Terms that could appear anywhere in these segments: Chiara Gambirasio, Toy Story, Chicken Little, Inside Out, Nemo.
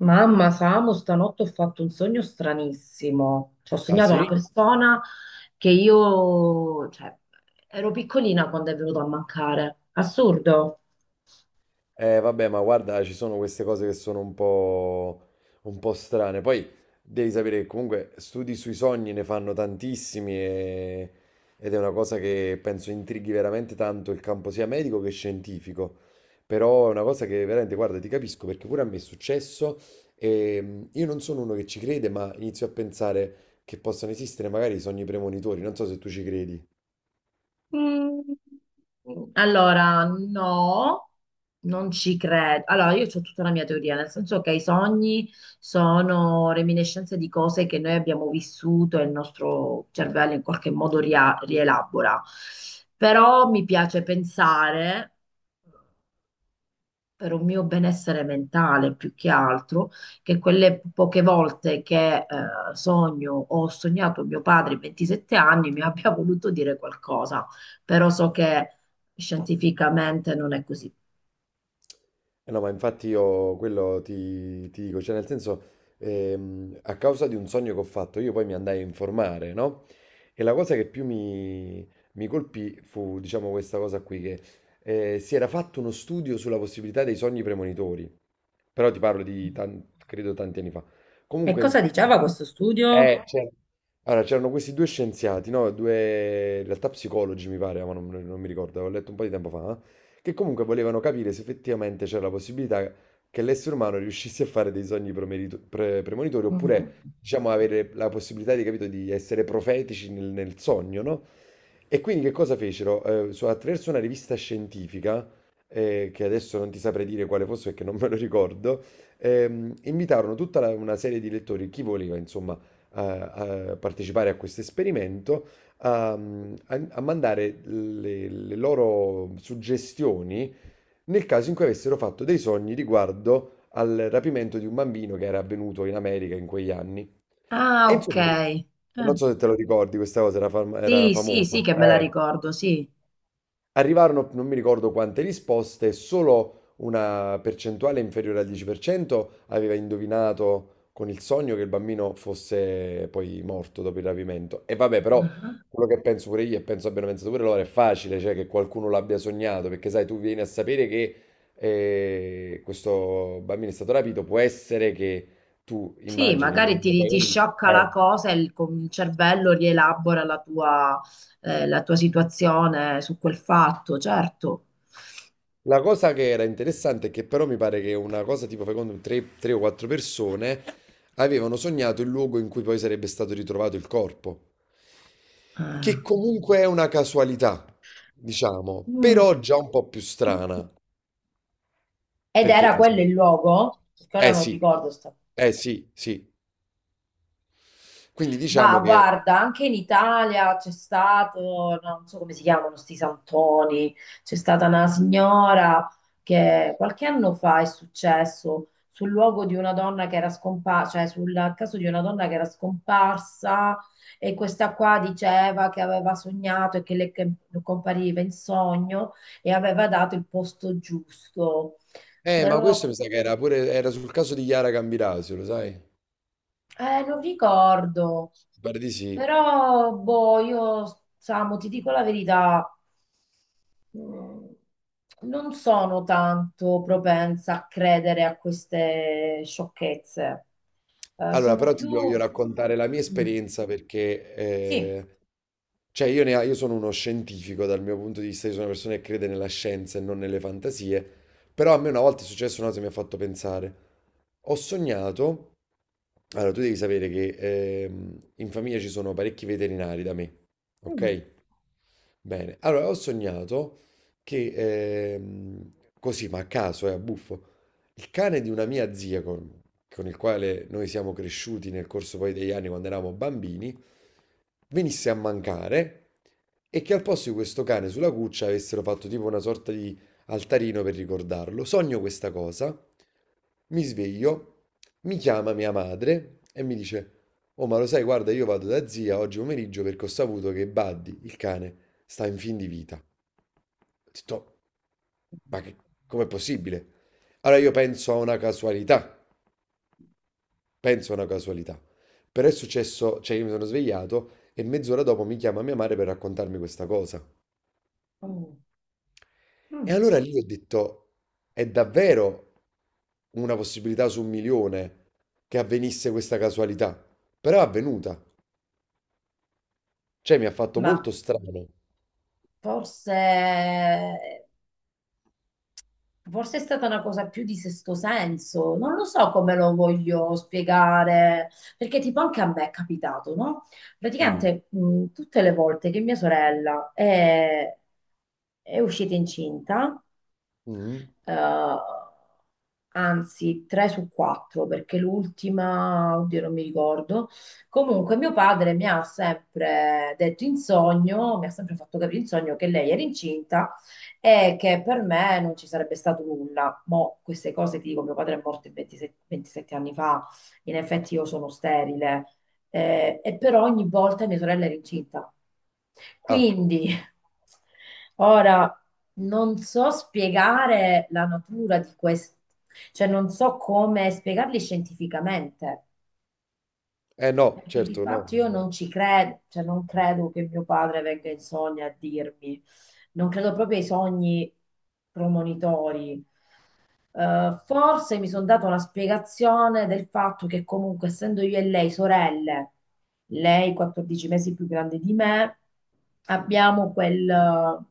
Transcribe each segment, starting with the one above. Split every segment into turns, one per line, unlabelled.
Mamma, Samu, stanotte ho fatto un sogno stranissimo. Cioè, ho
Ah,
sognato una
sì?
persona che io, cioè, ero piccolina quando è venuto a mancare. Assurdo.
Eh vabbè, ma guarda, ci sono queste cose che sono un po' strane. Poi devi sapere che comunque studi sui sogni ne fanno tantissimi ed è una cosa che penso intrighi veramente tanto il campo sia medico che scientifico. Però è una cosa che veramente, guarda, ti capisco perché pure a me è successo e io non sono uno che ci crede, ma inizio a pensare che possano esistere magari i sogni premonitori. Non so se tu ci credi.
Allora, no, non ci credo. Allora, io ho tutta la mia teoria, nel senso che i sogni sono reminiscenze di cose che noi abbiamo vissuto e il nostro cervello in qualche modo rielabora. Però mi piace pensare per un mio benessere mentale più che altro, che quelle poche volte che sogno o ho sognato mio padre a 27 anni mi abbia voluto dire qualcosa, però so che scientificamente non è così.
Eh no, ma infatti io quello ti dico, cioè nel senso, a causa di un sogno che ho fatto, io poi mi andai a informare, no? E la cosa che più mi colpì fu, diciamo, questa cosa qui, che si era fatto uno studio sulla possibilità dei sogni premonitori, però ti parlo
Mm.
di, credo, tanti anni fa.
E cosa
Comunque,
diceva questo studio?
c'era allora, c'erano questi due scienziati, no? Due, in realtà psicologi mi pare, ma non mi ricordo, avevo letto un po' di tempo fa, che comunque volevano capire se effettivamente c'era la possibilità che l'essere umano riuscisse a fare dei sogni premonitori,
Mm.
oppure, diciamo, avere la possibilità di, capito, di essere profetici nel, nel sogno, no? E quindi che cosa fecero? Attraverso una rivista scientifica, che adesso non ti saprei dire quale fosse perché non me lo ricordo, invitarono una serie di lettori, chi voleva, insomma a, a partecipare a questo esperimento, a, a, a- mandare le loro suggestioni nel caso in cui avessero fatto dei sogni riguardo al rapimento di un bambino che era avvenuto in America in quegli anni.
Ah,
E
ok.
insomma, non so se te lo ricordi, questa cosa era, era
Sì, sì, sì,
famosa.
che me la ricordo, sì.
Arrivarono, non mi ricordo quante risposte, solo una percentuale inferiore al 10% aveva indovinato con il sogno che il bambino fosse poi morto dopo il rapimento. E vabbè, però quello che penso pure io e penso abbiano pensato pure loro è facile, cioè che qualcuno l'abbia sognato, perché sai, tu vieni a sapere che questo bambino è stato rapito, può essere che tu
Sì,
immagini.
magari ti sciocca la
Eh.
cosa e con il cervello rielabora la tua situazione su quel fatto, certo.
La cosa che era interessante è che però mi pare che una cosa tipo, fai conto, tre o quattro persone avevano sognato il luogo in cui poi sarebbe stato ritrovato il corpo,
Eh.
che comunque è una casualità, diciamo,
Mm.
però già un po' più strana,
Ed
perché
era quello
insomma,
il luogo, perché ora
eh
non
sì,
ricordo sta.
sì. Quindi
Ma
diciamo che,
guarda, anche in Italia c'è stato, no, non so come si chiamano sti santoni, c'è stata una signora che qualche anno fa è successo sul luogo di una donna che era scomparsa, cioè sul caso di una donna che era scomparsa e questa qua diceva che aveva sognato e che le che compariva in sogno e aveva dato il posto giusto.
ma questo
Però
mi sa che era pure, era sul caso di Chiara Gambirasio, lo sai? Mi
non ricordo.
Pare di sì.
Però, boh, io, Samu, ti dico la verità, mm, non sono tanto propensa a credere a queste sciocchezze.
Allora,
Sono
però ti
più...
voglio raccontare la mia
Mm,
esperienza perché,
sì,
cioè, io sono uno scientifico dal mio punto di vista, io sono una persona che crede nella scienza e non nelle fantasie, però a me una volta è successo una cosa che mi ha fatto pensare. Ho sognato, allora tu devi sapere che in famiglia ci sono parecchi veterinari da me, ok? Bene, allora ho sognato che, così ma a caso, è a buffo, il cane di una mia zia con il quale noi siamo cresciuti nel corso poi degli anni quando eravamo bambini, venisse a mancare e che al posto di questo cane sulla cuccia avessero fatto tipo una sorta di altarino per ricordarlo. Sogno questa cosa, mi sveglio, mi chiama mia madre e mi dice. Oh, ma lo sai, guarda, io vado da zia oggi pomeriggio perché ho saputo che Buddy, il cane, sta in fin di vita. Ho detto, ma che, com'è possibile? Allora io penso a una casualità, penso a una casualità. Però è successo, cioè io mi sono svegliato e mezz'ora dopo mi chiama mia madre per raccontarmi questa cosa.
mm,
E
mm,
allora lì ho detto, è davvero una possibilità su un milione che avvenisse questa casualità. Però è avvenuta. Cioè mi ha fatto
ma
molto strano.
forse... Forse è stata una cosa più di sesto senso, non lo so come lo voglio spiegare, perché tipo anche a me è capitato, no?
Mm,
Praticamente tutte le volte che mia sorella è uscita incinta,
mm.
eh, anzi, tre su quattro, perché l'ultima, oddio, non mi ricordo. Comunque, mio padre mi ha sempre detto in sogno, mi ha sempre fatto capire in sogno che lei era incinta e che per me non ci sarebbe stato nulla. Mo' queste cose ti dico, mio padre è morto 27 anni fa, in effetti io sono sterile, e però ogni volta mia sorella era incinta.
Ah,
Quindi, ora non so spiegare la natura di questo, cioè non so come spiegarli scientificamente,
eh no,
perché di
certo no.
fatto io non ci credo, cioè non credo che mio padre venga in sogno a dirmi, non credo proprio ai sogni premonitori. Forse mi sono dato la spiegazione del fatto che comunque essendo io e lei sorelle, lei 14 mesi più grande di me, abbiamo quel,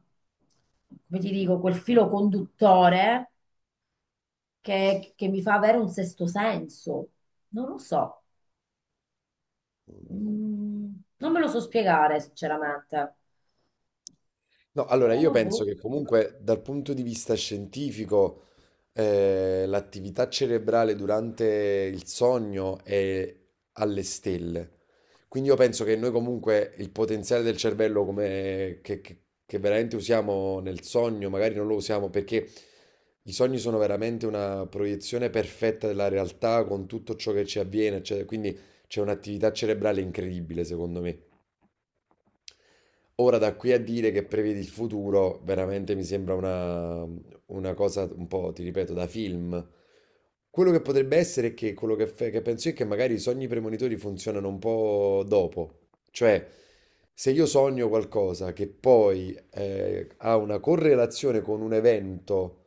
come ti dico, quel filo conduttore che mi fa avere un sesto senso. Non lo so, mm, non me lo so spiegare sinceramente,
No, allora io
però
penso
boh.
che comunque dal punto di vista scientifico l'attività cerebrale durante il sogno è alle stelle. Quindi io penso che noi comunque il potenziale del cervello come, che veramente usiamo nel sogno, magari non lo usiamo perché i sogni sono veramente una proiezione perfetta della realtà con tutto ciò che ci avviene, eccetera. Quindi c'è un'attività cerebrale incredibile secondo me. Ora da qui a dire che prevedi il futuro, veramente mi sembra una cosa un po', ti ripeto, da film. Quello che potrebbe essere è che quello che penso io è che magari i sogni premonitori funzionano un po' dopo. Cioè, se io sogno qualcosa che poi ha una correlazione con un evento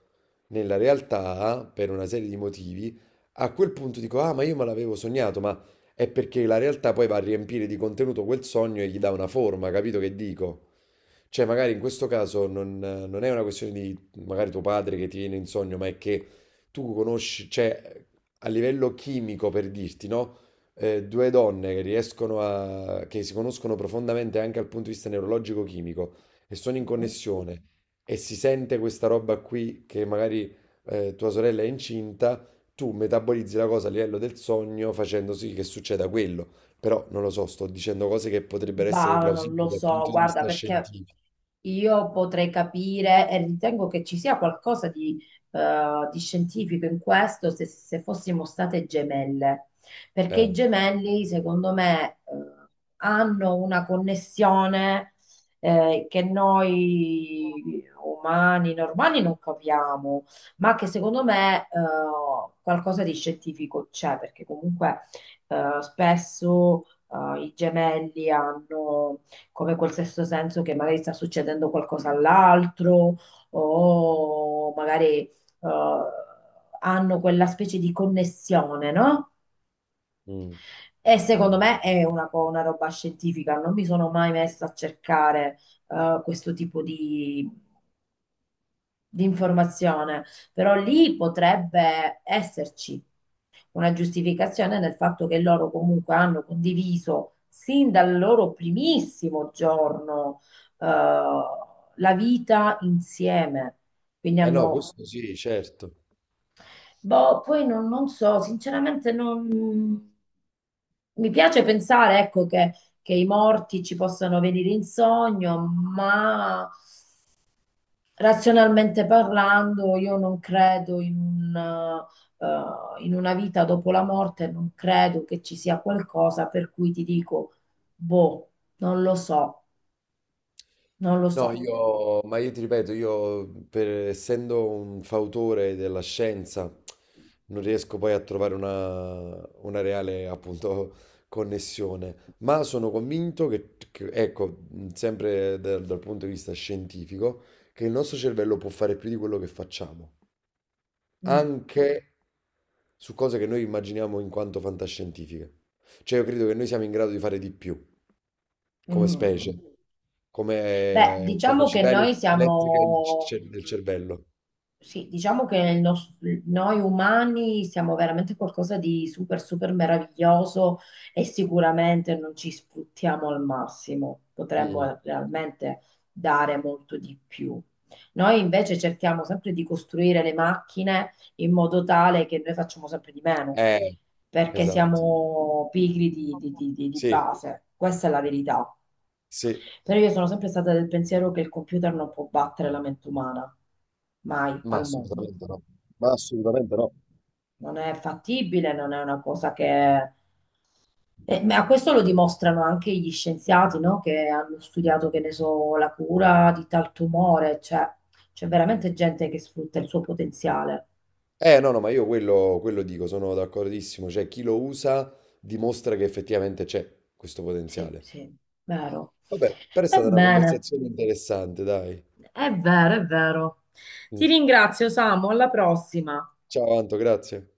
nella realtà, per una serie di motivi, a quel punto dico, ah, ma io me l'avevo sognato, ma è perché la realtà poi va a riempire di contenuto quel sogno e gli dà una forma, capito che dico? Cioè, magari in questo caso non è una questione di magari tuo padre che ti viene in sogno, ma è che tu conosci, cioè, a livello chimico per dirti, no? Due donne che riescono a, che si conoscono profondamente anche dal punto di vista neurologico-chimico e sono in
Mhm.
connessione e si sente questa roba qui che magari tua sorella è incinta, tu metabolizzi la cosa a livello del sogno facendo sì che succeda quello. Però non lo so, sto dicendo cose che potrebbero essere
Bah, non lo
plausibili dal
so,
punto di
guarda,
vista
perché
scientifico.
io potrei capire e ritengo che ci sia qualcosa di scientifico in questo se fossimo state gemelle, perché i
Eh,
gemelli, secondo me, hanno una connessione, che noi umani normali non capiamo, ma che secondo me, qualcosa di scientifico c'è, perché comunque, spesso i gemelli hanno come quel sesto senso che magari sta succedendo qualcosa all'altro o magari hanno quella specie di connessione, no?
mm.
E secondo me è una roba scientifica, non mi sono mai messa a cercare questo tipo di informazione, però lì potrebbe esserci una giustificazione nel fatto che loro comunque hanno condiviso sin dal loro primissimo giorno eh, la vita insieme. Quindi
Eh no,
hanno,
questo sì, certo.
boh, poi non so, sinceramente non... Mi piace pensare, ecco, che i morti ci possano venire in sogno, ma razionalmente parlando, io non credo in un, in una vita dopo la morte, non credo che ci sia qualcosa per cui ti dico, boh, non lo so, non lo
No,
so.
io ti ripeto, io essendo un fautore della scienza, non riesco poi a trovare una reale, appunto, connessione. Ma sono convinto ecco, sempre dal, dal punto di vista scientifico, che il nostro cervello può fare più di quello che facciamo,
Mm,
anche su cose che noi immaginiamo in quanto fantascientifiche. Cioè, io credo che noi siamo in grado di fare di più.
mm.
Come
Mm, mm.
specie, come
Beh, diciamo che
capacità
noi
elettrica del
siamo...
del cervello.
Sì, diciamo che noi umani siamo veramente qualcosa di super, super meraviglioso e sicuramente non ci sfruttiamo al massimo,
Mm.
potremmo realmente dare molto di più. Noi invece cerchiamo sempre di costruire le macchine in modo tale che noi facciamo sempre di meno,
Eh,
perché
esatto.
siamo pigri di
Sì,
base, questa è la verità.
sì,
Però io sono sempre stata del pensiero che il computer non può battere la mente umana, mai
ma
al mondo
assolutamente no. Ma assolutamente no.
non è fattibile, non è una cosa che... Eh, ma questo lo dimostrano anche gli scienziati, no? Che hanno studiato, che ne so, la cura di tal tumore, cioè c'è veramente gente che sfrutta il suo potenziale.
No, no, ma io quello dico, sono d'accordissimo. Cioè, chi lo usa dimostra che effettivamente c'è questo
Sì,
potenziale.
sì, vero.
Vabbè, però è
Va
stata una
bene,
conversazione interessante, dai.
è vero, è vero. Ti
Mm.
ringrazio, Samu, alla prossima.
Ciao, Anto, grazie.